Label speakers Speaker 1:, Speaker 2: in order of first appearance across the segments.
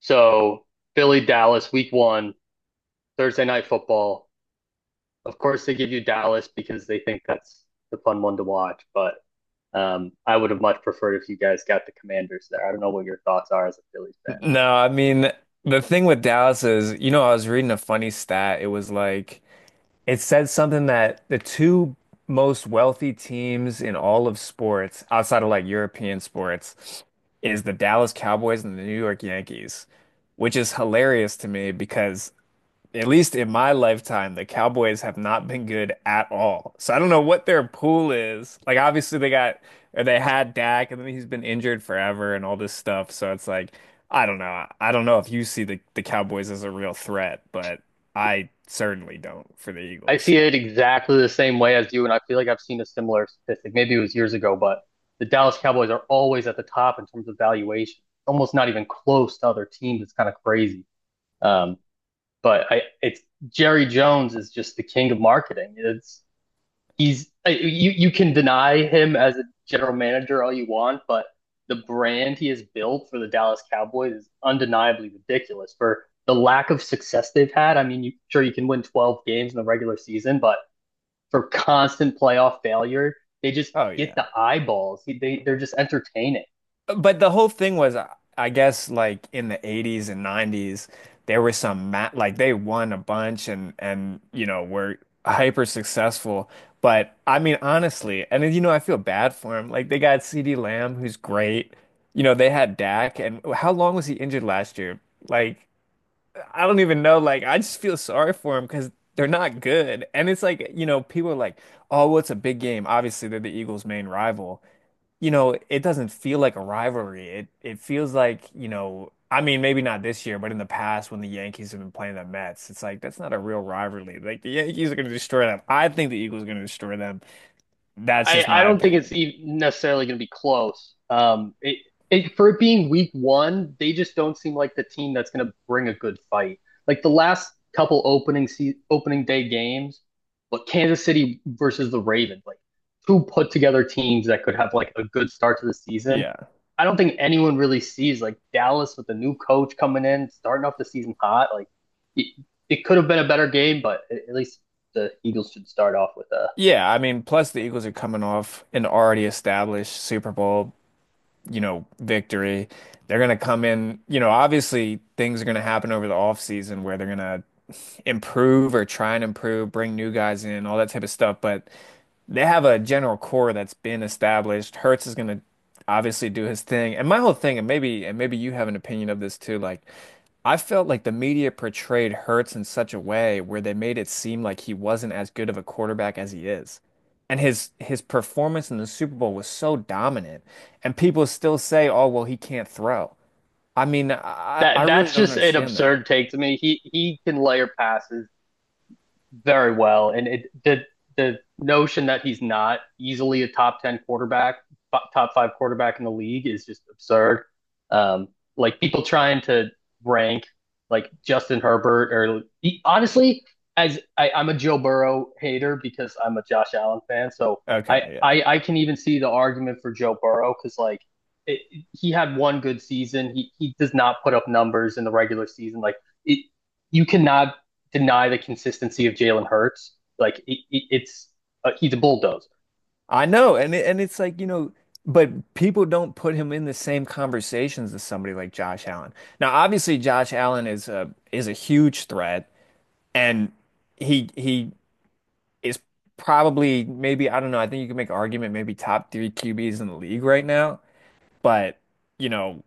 Speaker 1: So Philly, Dallas, week one, Thursday night football. Of course, they give you Dallas because they think that's the fun one to watch. But I would have much preferred if you guys got the Commanders there. I don't know what your thoughts are as a Phillies fan.
Speaker 2: No, I mean, the thing with Dallas is, I was reading a funny stat. It was like, it said something that the two most wealthy teams in all of sports, outside of like European sports, is the Dallas Cowboys and the New York Yankees, which is hilarious to me because at least in my lifetime, the Cowboys have not been good at all. So I don't know what their pool is. Like obviously they got or they had Dak and then he's been injured forever and all this stuff. So it's like I don't know. I don't know if you see the Cowboys as a real threat, but I certainly don't for the
Speaker 1: I
Speaker 2: Eagles.
Speaker 1: see
Speaker 2: So,
Speaker 1: it exactly the same way as you, and I feel like I've seen a similar statistic. Maybe it was years ago, but the Dallas Cowboys are always at the top in terms of valuation, almost not even close to other teams. It's kind of crazy. Um, but I, it's Jerry Jones is just the king of marketing. It's he's You can deny him as a general manager all you want, but the brand he has built for the Dallas Cowboys is undeniably ridiculous for the lack of success they've had. I mean, you, sure you can win 12 games in the regular season, but for constant playoff failure, they just
Speaker 2: oh
Speaker 1: get
Speaker 2: yeah.
Speaker 1: the eyeballs. They're just entertaining.
Speaker 2: But the whole thing was, I guess, like in the 80s and 90s, there were some ma like they won a bunch and were hyper successful. But I mean, honestly, and then, I feel bad for him. Like they got CeeDee Lamb, who's great. You know, they had Dak, and how long was he injured last year? Like I don't even know. Like I just feel sorry for him because they're not good. And it's like people are like, oh, well, it's a big game. Obviously, they're the Eagles' main rival. It doesn't feel like a rivalry. It feels like, I mean, maybe not this year, but in the past when the Yankees have been playing the Mets, it's like that's not a real rivalry. Like the Yankees are going to destroy them. I think the Eagles are going to destroy them. That's just
Speaker 1: I
Speaker 2: my
Speaker 1: don't think it's
Speaker 2: opinion.
Speaker 1: even necessarily going to be close. For it being week one, they just don't seem like the team that's going to bring a good fight. Like the last couple opening se- opening day games, but Kansas City versus the Ravens, like two put together teams that could have like a good start to the season.
Speaker 2: Yeah.
Speaker 1: I don't think anyone really sees like Dallas with the new coach coming in, starting off the season hot. It, it could have been a better game, but at least the Eagles should start off with a
Speaker 2: Yeah, I mean, plus
Speaker 1: decent.
Speaker 2: the Eagles are coming off an already established Super Bowl victory. They're going to come in, obviously things are going to happen over the offseason where they're going to improve or try and improve, bring new guys in, all that type of stuff, but they have a general core that's been established. Hertz is going to obviously do his thing. And my whole thing, and maybe you have an opinion of this too, like I felt like the media portrayed Hertz in such a way where they made it seem like he wasn't as good of a quarterback as he is. And his performance in the Super Bowl was so dominant, and people still say, "Oh, well, he can't throw." I mean, I
Speaker 1: That
Speaker 2: really
Speaker 1: that's
Speaker 2: don't
Speaker 1: just an
Speaker 2: understand that.
Speaker 1: absurd take to me. He can layer passes very well. And it the notion that he's not easily a top ten quarterback, top five quarterback in the league is just absurd. Um, like people trying to rank like Justin Herbert honestly, as I'm a Joe Burrow hater because I'm a Josh Allen fan, so I
Speaker 2: Okay,
Speaker 1: I, I can even see the argument for Joe Burrow because It, he had one good season. He does not put up numbers in the regular season. It, you cannot deny the consistency of Jalen Hurts. Like it, it's He's a bulldozer.
Speaker 2: I know, and it's like, but people don't put him in the same conversations as somebody like Josh Allen. Now, obviously, Josh Allen is a huge threat, and he is probably maybe I don't know. I think you can make argument maybe top three QBs in the league right now. But, you know,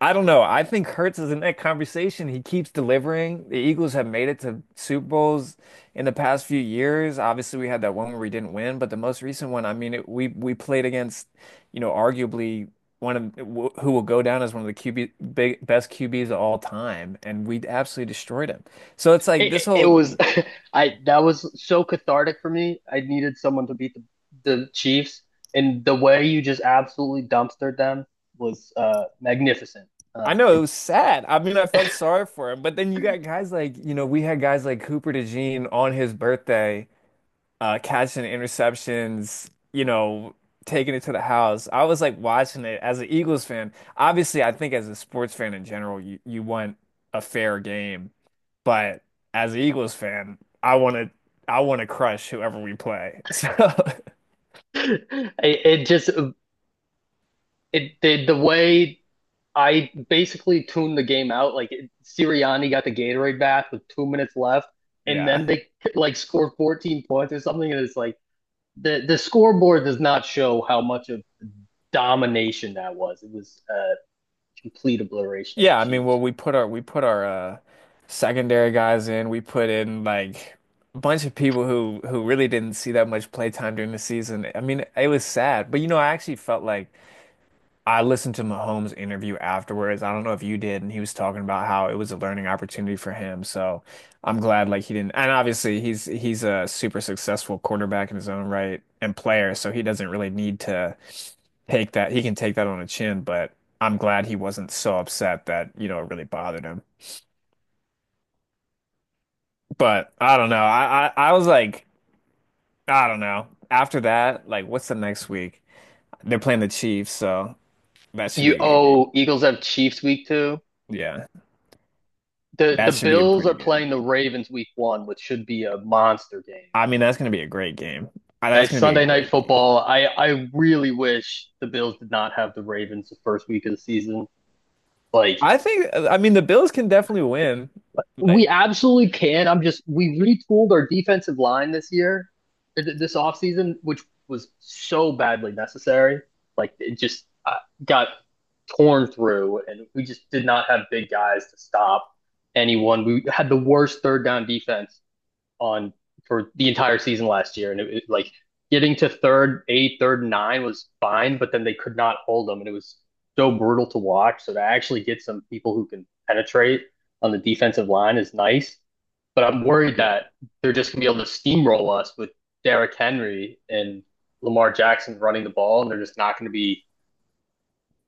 Speaker 2: I don't know. I think Hurts is in that conversation. He keeps delivering. The Eagles have made it to Super Bowls in the past few years. Obviously, we had that one where we didn't win, but the most recent one, I mean, it, we played against, arguably one of who will go down as one of the best QBs of all time, and we absolutely destroyed him. So it's like this
Speaker 1: It
Speaker 2: whole.
Speaker 1: was I that was so cathartic for me. I needed someone to beat the Chiefs, and the way you just absolutely dumpstered them was magnificent.
Speaker 2: I
Speaker 1: Um,
Speaker 2: know it
Speaker 1: it,
Speaker 2: was sad. I mean, I felt sorry for him, but then you got guys like, we had guys like Cooper DeJean on his birthday, catching interceptions, taking it to the house. I was like watching it as an Eagles fan. Obviously, I think as a sports fan in general, you want a fair game, but as an Eagles fan, I want to crush whoever we play. So,
Speaker 1: it, it just it the way I basically tuned the game out. Sirianni got the Gatorade bath with 2 minutes left, and
Speaker 2: yeah.
Speaker 1: then they like scored 14 points or something, and it's like the scoreboard does not show how much of domination that was. It was a complete obliteration of the
Speaker 2: Yeah, I mean, well,
Speaker 1: Chiefs.
Speaker 2: we put our secondary guys in. We put in like a bunch of people who really didn't see that much play time during the season. I mean, it was sad, but I actually felt like I listened to Mahomes' interview afterwards. I don't know if you did, and he was talking about how it was a learning opportunity for him. So I'm glad like he didn't. And obviously he's a super successful quarterback in his own right and player, so he doesn't really need to take that. He can take that on the chin, but I'm glad he wasn't so upset that, it really bothered him. But I don't know. I was like, I don't know. After that, like what's the next week? They're playing the Chiefs, so that should be a good game.
Speaker 1: Eagles have Chiefs week two.
Speaker 2: Yeah.
Speaker 1: The
Speaker 2: That should be
Speaker 1: Bills are
Speaker 2: pretty good.
Speaker 1: playing the Ravens week one, which should be a monster game.
Speaker 2: I mean, that's going to be a great game. That's
Speaker 1: It's
Speaker 2: going to be a
Speaker 1: Sunday night
Speaker 2: great game.
Speaker 1: football. I really wish the Bills did not have the Ravens the first week of the season. Like,
Speaker 2: I think, I mean, the Bills can definitely win.
Speaker 1: we
Speaker 2: Like,
Speaker 1: absolutely can. I'm just we retooled our defensive line this year, this offseason, which was so badly necessary. Like it just got torn through, and we just did not have big guys to stop anyone. We had the worst third down defense on for the entire season last year, and like getting to third eight, third nine was fine, but then they could not hold them, and it was so brutal to watch. So to actually get some people who can penetrate on the defensive line is nice, but I'm worried that
Speaker 2: yeah.
Speaker 1: they're just gonna be able to steamroll us with Derrick Henry and Lamar Jackson running the ball, and they're just not going to be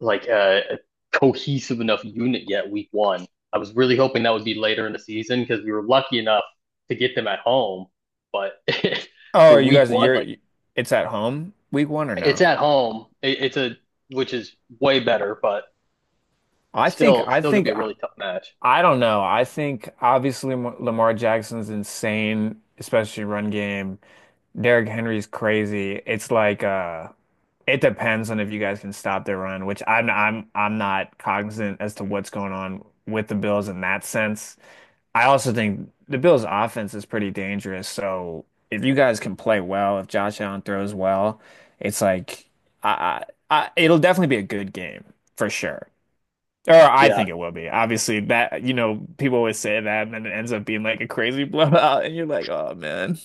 Speaker 1: like a cohesive enough unit yet week one. I was really hoping that would be later in the season because we were lucky enough to get them at home. But
Speaker 2: Oh,
Speaker 1: for
Speaker 2: are you
Speaker 1: week
Speaker 2: guys,
Speaker 1: one,
Speaker 2: you're,
Speaker 1: like
Speaker 2: it's at home week one or
Speaker 1: it's
Speaker 2: no?
Speaker 1: at home. It's a which is way better, but
Speaker 2: I think,
Speaker 1: still
Speaker 2: I
Speaker 1: still gonna
Speaker 2: think,
Speaker 1: be a
Speaker 2: I,
Speaker 1: really tough match.
Speaker 2: I don't know. I think obviously Lamar Jackson's insane, especially run game. Derrick Henry's crazy. It's like, it depends on if you guys can stop their run, which I'm not cognizant as to what's going on with the Bills in that sense. I also think the Bills' offense is pretty dangerous. So if you guys can play well, if Josh Allen throws well, it's like I it'll definitely be a good game for sure. Or I
Speaker 1: Yeah.
Speaker 2: think it will be. Obviously, that you know people always say that, and then it ends up being like a crazy blowout, and you're like, oh man.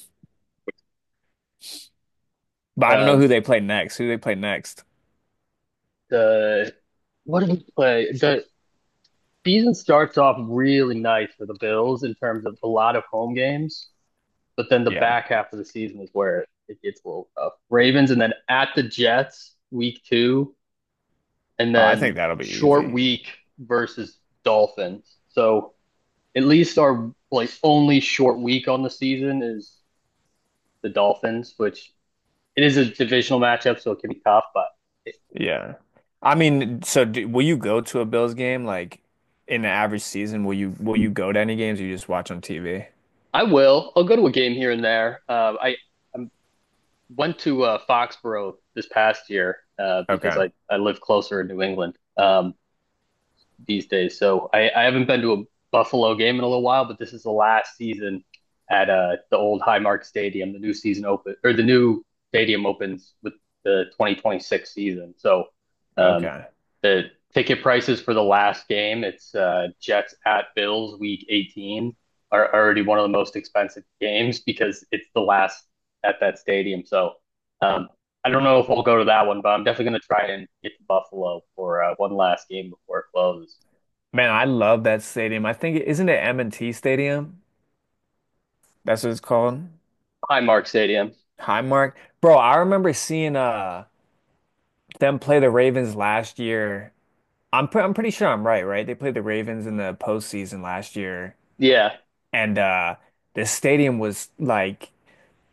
Speaker 2: But I don't know
Speaker 1: Um
Speaker 2: who they play next. Who they play next?
Speaker 1: the what did we play? The season starts off really nice for the Bills in terms of a lot of home games. But then the
Speaker 2: Yeah,
Speaker 1: back half of the season is where it gets a little tough. Ravens and then at the Jets week two, and
Speaker 2: oh, I think
Speaker 1: then
Speaker 2: that'll be
Speaker 1: short
Speaker 2: easy.
Speaker 1: week versus Dolphins. So at least our like only short week on the season is the Dolphins, which it is a divisional matchup, so it can be tough. It,
Speaker 2: Yeah. I mean, so will you go to a Bills game like in the average season? Will you go to any games or you just watch on TV?
Speaker 1: I will. I'll go to a game here and there. I went to Foxborough this past year because
Speaker 2: Okay.
Speaker 1: I live closer in New England. These days. So I haven't been to a Buffalo game in a little while, but this is the last season at the old Highmark Stadium. The new stadium opens with the 2026 season. Um,
Speaker 2: Okay.
Speaker 1: the ticket prices for the last game, it's Jets at Bills, Week 18, are already one of the most expensive games because it's the last at that stadium. So um, I don't know if we'll go to that one, but I'm definitely going to try and get to Buffalo for one last game before it closes.
Speaker 2: Man, I love that stadium. I think isn't it M&T Stadium? That's what it's called.
Speaker 1: Highmark Stadium.
Speaker 2: Highmark. Bro, I remember seeing them play the Ravens last year. I'm pretty sure I'm right, right? They played the Ravens in the postseason last year
Speaker 1: Yeah,
Speaker 2: and the stadium was like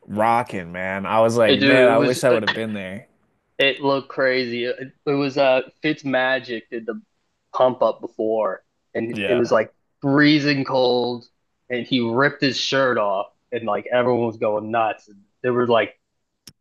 Speaker 2: rocking, man. I was like,
Speaker 1: dude,
Speaker 2: man,
Speaker 1: it
Speaker 2: I
Speaker 1: was
Speaker 2: wish I would have been there.
Speaker 1: it looked crazy. It was Fitzmagic did the pump up before, and it was
Speaker 2: Yeah.
Speaker 1: like freezing cold, and he ripped his shirt off, and like everyone was going nuts. There was like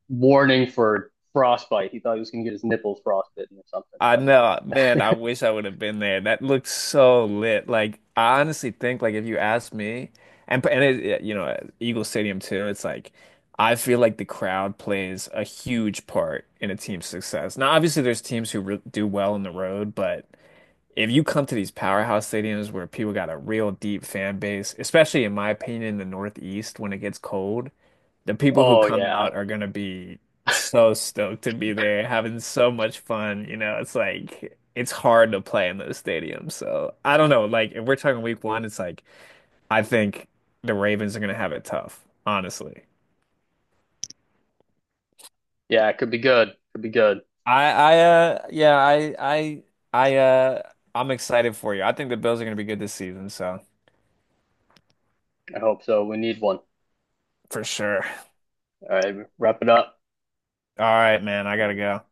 Speaker 1: warning for frostbite. He thought he was gonna get his nipples frostbitten or something.
Speaker 2: I know, man,
Speaker 1: But
Speaker 2: I wish I would have been there. That looked so lit. Like I honestly think like if you ask me and it, Eagle Stadium too, it's like I feel like the crowd plays a huge part in a team's success. Now, obviously there's teams who re do well on the road, but if you come to these powerhouse stadiums where people got a real deep fan base, especially in my opinion, in the Northeast when it gets cold, the people who
Speaker 1: oh
Speaker 2: come
Speaker 1: yeah,
Speaker 2: out are gonna be so stoked to be there, having so much fun. You know, it's like it's hard to play in those stadiums. So I don't know. Like if we're talking week one, it's like I think the Ravens are gonna have it tough, honestly.
Speaker 1: yeah, it could be good. Could be good.
Speaker 2: I yeah, I uh I'm excited for you. I think the Bills are gonna be good this season, so
Speaker 1: I hope so. We need one.
Speaker 2: for sure.
Speaker 1: All right, wrap it up.
Speaker 2: All right, man, I gotta go.